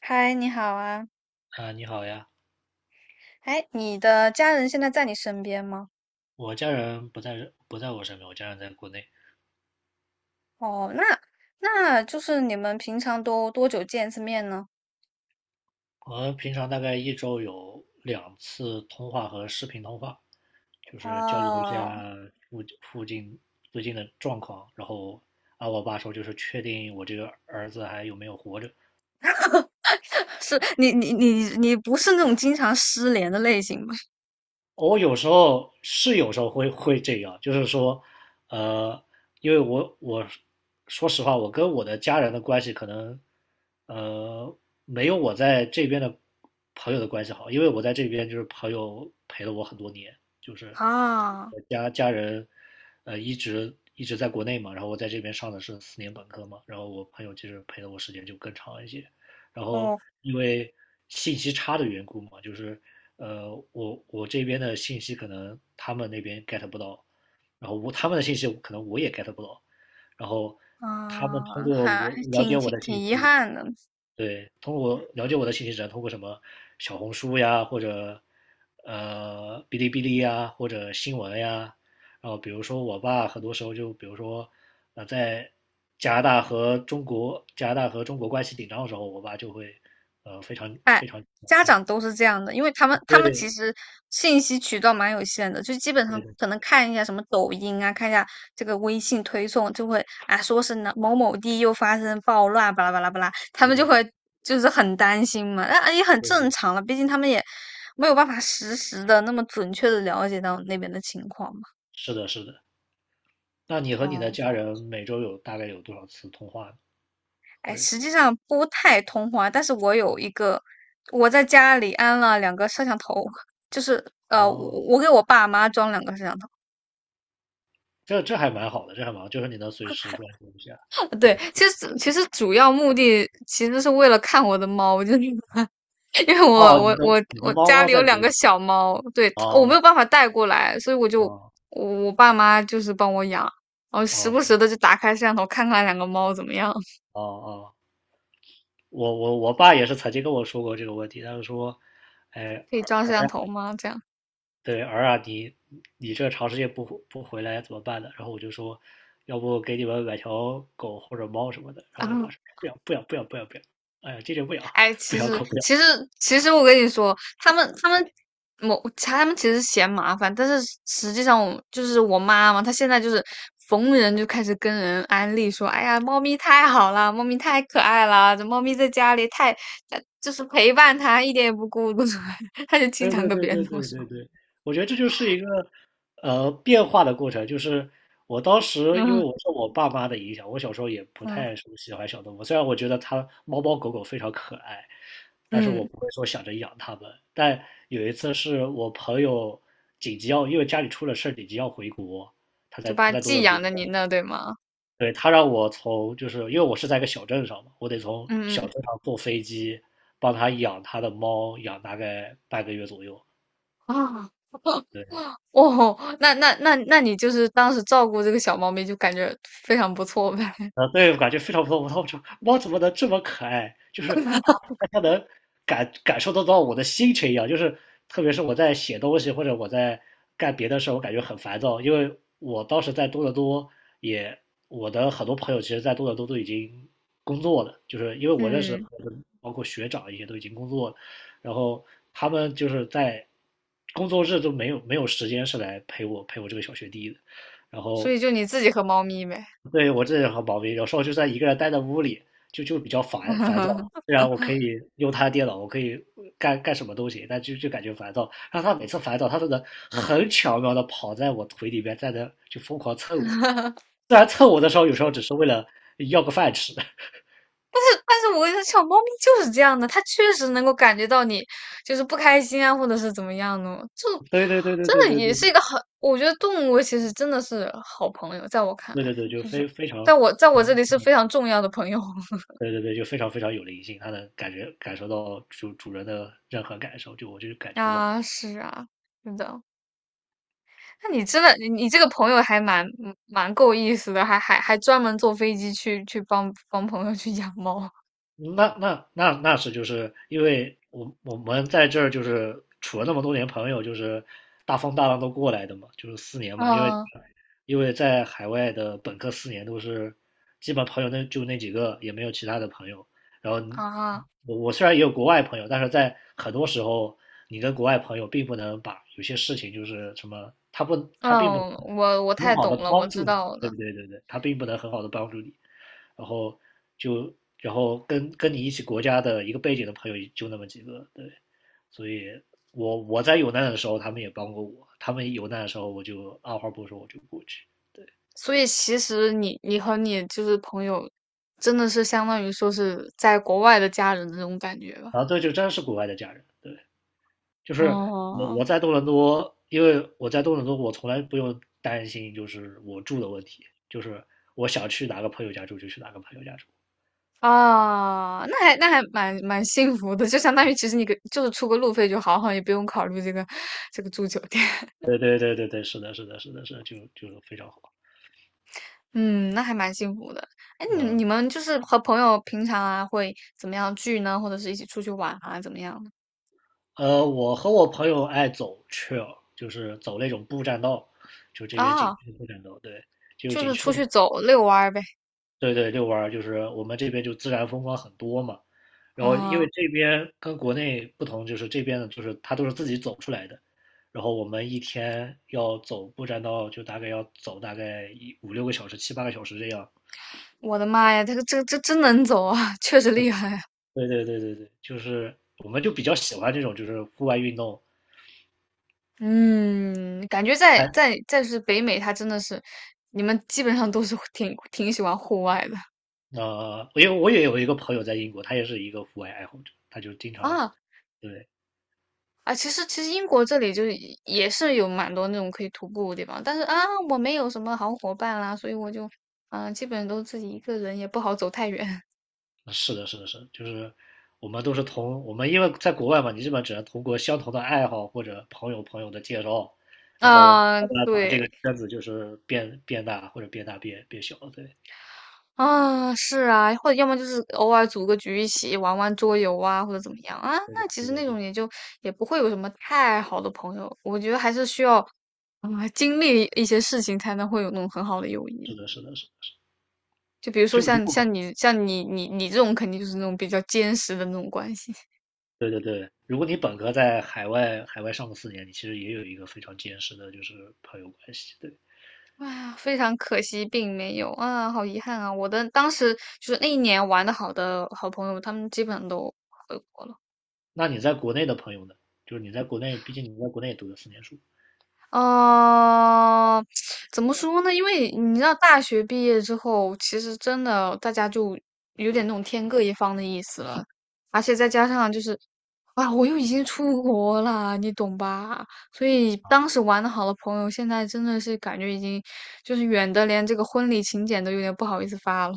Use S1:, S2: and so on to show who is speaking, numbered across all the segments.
S1: 嗨，你好啊！
S2: 啊，你好呀，
S1: 哎，你的家人现在在你身边吗？
S2: 我家人不在我身边，我家人在国内。
S1: 哦，那那你们平常都多久见一次面呢？
S2: 我们平常大概一周有2次通话和视频通话，就是交流一
S1: 哦，
S2: 下附近最近的状况。然后啊，我爸说就是确定我这个儿子还有没有活着。
S1: 是你不是那种经常失联的类型吧？
S2: 我有时候会这样，就是说，呃，因为我说实话，我跟我的家人的关系可能，呃，没有我在这边的朋友的关系好，因为我在这边就是朋友陪了我很多年，就是
S1: 啊，
S2: 我家人，一直在国内嘛，然后我在这边上的是四年本科嘛，然后我朋友其实陪了我时间就更长一些，然后
S1: 哦，
S2: 因为信息差的缘故嘛，就是我这边的信息可能他们那边 get 不到，然后我他们的信息可能我也 get 不到，然后他们通
S1: 啊，
S2: 过
S1: 还
S2: 我了解
S1: 挺
S2: 我
S1: 挺
S2: 的信
S1: 挺遗
S2: 息，
S1: 憾的。
S2: 对，通过了解我的信息只能通过什么小红书呀，或者哔哩哔哩呀，或者新闻呀，然后比如说我爸很多时候就比如说在加拿大和中国关系紧张的时候，我爸就会非常
S1: 哎，
S2: 非常
S1: 家长都是这样的，因为他们其
S2: 对
S1: 实信息渠道蛮有限的，就基本
S2: 对
S1: 上
S2: 对
S1: 可能看一下什么抖音啊，看一下这个微信推送，就会啊说是哪某某地又发生暴乱，巴拉巴拉巴拉，他
S2: 对
S1: 们就
S2: 对对
S1: 会就是很担心嘛，那也很正
S2: 对。
S1: 常了，毕竟他们也没有办法实时的那么准确的了解到那边的情况嘛。
S2: 是的，是的。那你和你
S1: 哦，
S2: 的家人每周有大概有多少次通话呢？
S1: 哎，
S2: 或者
S1: 实际上不太通话，但是我有一个，我在家里安了两个摄像头，就是呃，我
S2: 哦，
S1: 我给我爸妈装两个摄像头。
S2: 这还蛮好的，这还蛮好，就是你能随时关心一下。
S1: 对，其实主要目的其实是为了看我的猫，就是 因为我
S2: 哦，你
S1: 我
S2: 的
S1: 我
S2: 你的
S1: 我
S2: 猫
S1: 家
S2: 猫
S1: 里有
S2: 在
S1: 两
S2: 国
S1: 个
S2: 内。
S1: 小猫，对，我没有
S2: 哦
S1: 办法带过来，所以
S2: 哦
S1: 我爸妈就是帮我养，然后时不时
S2: 哦
S1: 的就打开摄像头看看两个猫怎么样，
S2: 哦哦，我爸也是曾经跟我说过这个问题，他就说，哎，
S1: 可以装
S2: 儿
S1: 摄像头吗？这样
S2: 对儿啊，你这长时间不回来怎么办呢？然后我就说，要不给你们买条狗或者猫什么的。然
S1: 啊。
S2: 后我爸 说，不要不要不要不要不要，哎呀，坚决不要，
S1: 哎，
S2: 不
S1: 其
S2: 要
S1: 实
S2: 狗不要。
S1: 其实其实我跟你说，他们其实嫌麻烦，但是实际上我就是我妈嘛，她现在就是逢人就开始跟人安利说，哎呀，猫咪太好了，猫咪太可爱了，这猫咪在家里太就是陪伴它一点也不孤独，她就经
S2: 对
S1: 常
S2: 对
S1: 跟
S2: 对
S1: 别人
S2: 对
S1: 这么
S2: 对
S1: 说，
S2: 对对，我觉得这就是一个变化的过程。就是我当时因为
S1: 嗯
S2: 我受我爸妈的影响，我小时候也不
S1: 嗯
S2: 太说喜欢小动物，虽然我觉得它猫猫狗狗非常可爱，但是我
S1: 嗯，
S2: 不会说想着养它们。但有一次是我朋友紧急要，因为家里出了事儿，紧急要回国，他
S1: 就
S2: 在
S1: 把
S2: 他在多
S1: 寄
S2: 伦多，
S1: 养在您那，对吗？
S2: 对，他让我从就是因为我是在一个小镇上嘛，我得从
S1: 嗯
S2: 小
S1: 嗯，
S2: 镇上坐飞机帮他养他的猫，养大概半个月左右。
S1: 啊。
S2: 对。
S1: 哦，那你就是当时照顾这个小猫咪，就感觉非常不错呗。
S2: 对，我感觉非常不错。我操，这猫怎么能这么可爱？就是它，它它能感受得到我的心情一样。就是特别是我在写东西或者我在干别的事儿，我感觉很烦躁，因为我当时在多伦多也，我的很多朋友其实，在多伦多都已经工作了，就是因为我认识的
S1: 嗯，
S2: 朋友们包括学长一些都已经工作了，然后他们就是在工作日都没有时间是来陪我这个小学弟的，然
S1: 所
S2: 后
S1: 以就你自己和猫咪呗。
S2: 对，我这人很毛病，有时候就算一个人待在屋里，就比较烦躁。虽然我可以用他的电脑，我可以干什么都行，但就感觉烦躁。然后他每次烦躁，他都能很巧妙的跑在我腿里边，在那就疯狂蹭我。虽然蹭我的时候，有时候只是为了要个饭吃。
S1: 但是我跟你说，小猫咪就是这样的，它确实能够感觉到你就是不开心啊，或者是怎么样的哦，就
S2: 对对对对
S1: 真
S2: 对
S1: 的
S2: 对对
S1: 也是一
S2: 对
S1: 个很，我觉得动物其实真的是好朋友，在我看
S2: 对
S1: 来，
S2: 对对，就
S1: 就是
S2: 非非
S1: 在
S2: 常
S1: 我这里是非常重要的朋友
S2: 对对对，就非常非常有灵性，他能感受到主人的任何感受，就我就感觉哇，
S1: 啊，是啊，真的。那你真的，你你这个朋友还蛮嗯蛮够意思的，还专门坐飞机去去帮帮朋友去养猫
S2: 那是就是因为我们在这儿就是处了那么多年朋友，就是大风大浪都过来的嘛，就是四年嘛，因为
S1: 啊。
S2: 因为在海外的本科四年都是基本朋友那就那几个，也没有其他的朋友。然后你
S1: 啊。
S2: 我我虽然也有国外朋友，但是在很多时候，你跟国外朋友并不能把有些事情就是什么，他并不
S1: 嗯，
S2: 能
S1: 我
S2: 很
S1: 太
S2: 好
S1: 懂
S2: 的
S1: 了，我
S2: 帮
S1: 知
S2: 助你，
S1: 道
S2: 对
S1: 的。
S2: 对对对，他并不能很好的帮助你。然后就然后跟你一起国家的一个背景的朋友就那么几个，对，所以我在有难的时候他们也帮过我，他们有难的时候我就二话不说我就过去，对，
S1: 所以其实你你和你就是朋友，真的是相当于说是在国外的家人的这种感觉吧？
S2: 然后这就真是国外的家人，对，就是我
S1: 哦，
S2: 我在多伦多，因为我在多伦多我从来不用担心就是我住的问题，就是我想去哪个朋友家住就去哪个朋友家住，
S1: 啊，那还蛮蛮幸福的，就相当于其实你给就是出个路费就好，好像也不用考虑这个住酒店。
S2: 对对对对对，是的是的是的是的，就非常好，
S1: 嗯，那还蛮幸福的。哎，你
S2: 嗯。
S1: 你们就是和朋友平常啊会怎么样聚呢？或者是一起出去玩啊，怎么样的？
S2: 我和我朋友爱走 trail，就是走那种步栈道，就这边景
S1: 啊，
S2: 区的步栈道，对，就
S1: 就
S2: 景
S1: 是
S2: 区
S1: 出
S2: 的，
S1: 去走遛弯儿呗。
S2: 对对，遛弯儿，就是我们这边就自然风光很多嘛。然后因为
S1: 啊。
S2: 这边跟国内不同，就是这边的就是它都是自己走出来的，然后我们一天要走步栈道，就大概要走大概一五六个小时、7、8个小时这样。
S1: 我的妈呀，这个这真能走啊，确实厉害啊。
S2: 对对对对对，就是我们就比较喜欢这种就是户外运动，
S1: 嗯，感觉在是北美，它真的是你们基本上都是挺喜欢户外的
S2: 因为我也有一个朋友在英国，他也是一个户外爱好者，他就经常
S1: 啊。
S2: 对，
S1: 啊。其实英国这里就是也是有蛮多那种可以徒步的地方，但是啊，我没有什么好伙伴啦，所以我就基本都自己一个人，也不好走太远。
S2: 是的，是的，是的就是我们都是同我们因为在国外嘛，你基本只能通过相同的爱好或者朋友的介绍，然后
S1: 啊，
S2: 慢慢把这
S1: 对。
S2: 个圈子就是变大或者变大变小，对，
S1: 啊，是啊，或者要么就是偶尔组个局一起玩玩桌游啊，或者怎么样啊。
S2: 对对
S1: 那其
S2: 对
S1: 实
S2: 对
S1: 那
S2: 对，
S1: 种也就也不会有什么太好的朋友，我觉得还是需要经历一些事情才能会有那种很好的友谊。
S2: 是的，是的，是的
S1: 就比如说
S2: 就是如
S1: 像
S2: 果
S1: 像你像你你你这种肯定就是那种比较坚实的那种关系。
S2: 对对对，如果你本科在海外上个四年，你其实也有一个非常坚实的就是朋友关系，对。
S1: 哎呀，非常可惜，并没有啊，好遗憾啊！我的当时就是那一年玩的好的好朋友，他们基本上都回国了。
S2: 那你在国内的朋友呢？就是你在国内，毕竟你在国内也读了四年书。
S1: 呃，怎么说呢？因为你知道，大学毕业之后，其实真的大家就有点那种天各一方的意思了，而且再加上就是，啊，我又已经出国了，你懂吧？所以当时玩的好的朋友，现在真的是感觉已经就是远的，连这个婚礼请柬都有点不好意思发了。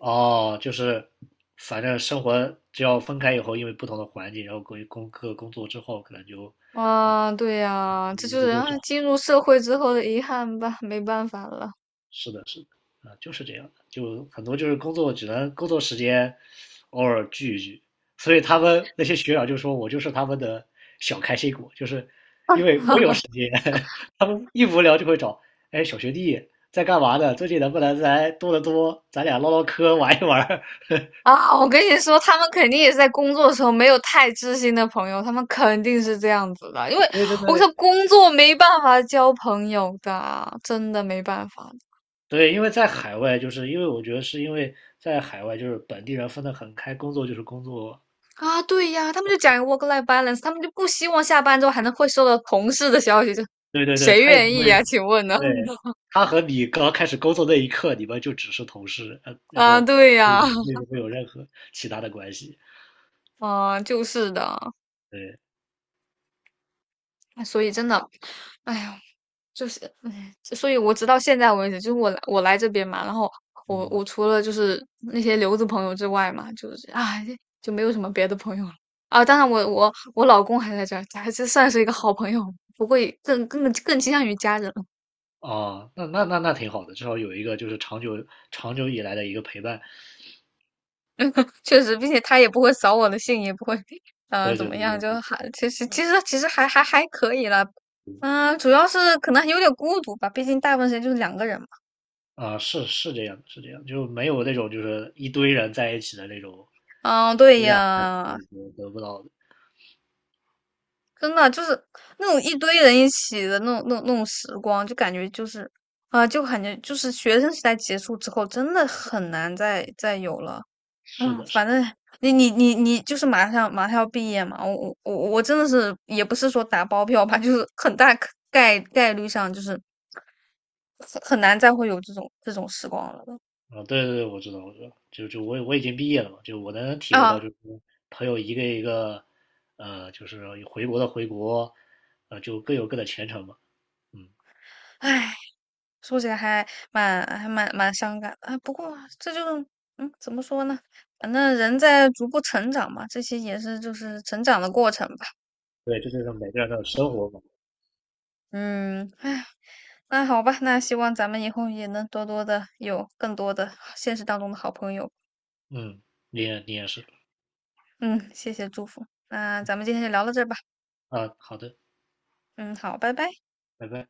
S2: 哦，就是反正生活只要分开以后，因为不同的环境，然后各工作之后，可能就
S1: 啊，对呀，这
S2: 联
S1: 就
S2: 系
S1: 是
S2: 就
S1: 啊
S2: 少。
S1: 进入社会之后的遗憾吧，没办法了。
S2: 是的，是的，啊、就是这样的，就很多就是工作只能工作时间偶尔聚一聚，所以他们那些学长就说我就是他们的小开心果，就是因为我有时间，他们一无聊就会找，哎，小学弟在干嘛呢？最近能不能来多得多，咱俩唠唠嗑，玩一玩
S1: 啊，我跟你说，他们肯定也是在工作的时候没有太知心的朋友，他们肯定是这样子的，因为
S2: 对对
S1: 我说
S2: 对
S1: 工作没办法交朋友的，真的没办法
S2: 对，因为在海外，就是因为我觉得是因为在海外，就是本地人分得很开，工作就是工作，
S1: 啊。对呀，他们就讲 work-life balance，他们就不希望下班之后还能会收到同事的消息，就
S2: 对对对，
S1: 谁
S2: 他也
S1: 愿
S2: 不会
S1: 意呀？请问呢？
S2: 对，他和你刚开始工作那一刻，你们就只是同事，然
S1: 啊，
S2: 后
S1: 对
S2: 没
S1: 呀，
S2: 没有任何其他的关系。
S1: 啊，就是的，
S2: 对，
S1: 哎所以真的，哎呀。就是，唉，所以我直到现在为止，就是我来这边嘛，然后我
S2: 嗯，
S1: 我除了就是那些留子朋友之外嘛，就是啊，就没有什么别的朋友了啊。当然我，我老公还在这儿，还是算是一个好朋友，不过也更倾向于家人了。
S2: 哦，那挺好的，至少有一个就是长久以来的一个陪伴。
S1: 确实，并且他也不会扫我的兴，也不会
S2: 对
S1: 怎
S2: 对
S1: 么
S2: 对
S1: 样，
S2: 对
S1: 就
S2: 对，
S1: 还其实还可以啦。嗯，主要是可能有点孤独吧，毕竟大部分时间就是两个人嘛。
S2: 啊，是这样的是这样，就没有那种就是一堆人在一起的那种
S1: 嗯，对
S2: 有点儿对
S1: 呀，
S2: 对得不到的。
S1: 真的就是那种一堆人一起的那种时光，就感觉就是啊，就感觉就是学生时代结束之后，真的很难再有了
S2: 是
S1: 啊。
S2: 的，是。
S1: 反正你就是马上要毕业嘛，我真的是也不是说打包票吧，就是很大可概率上就是很难再会有这种时光了
S2: 啊，对对对，我知道，我知道，就我已经毕业了嘛，就我能体会到，
S1: 啊，
S2: 就是朋友一个一个，就是回国的回国，就各有各的前程嘛，嗯，
S1: 唉。说起来还蛮伤感的啊。不过这就嗯，怎么说呢？反正人在逐步成长嘛，这些也是就是成长的过程吧。
S2: 对，这就是每个人的生活嘛，
S1: 嗯，哎，那好吧，那希望咱们以后也能多多的有更多的现实当中的好朋友。
S2: 嗯，你也是
S1: 嗯，谢谢祝福。那咱们今天就聊到这儿吧。
S2: 啊，好的，
S1: 嗯，好，拜拜。
S2: 拜拜。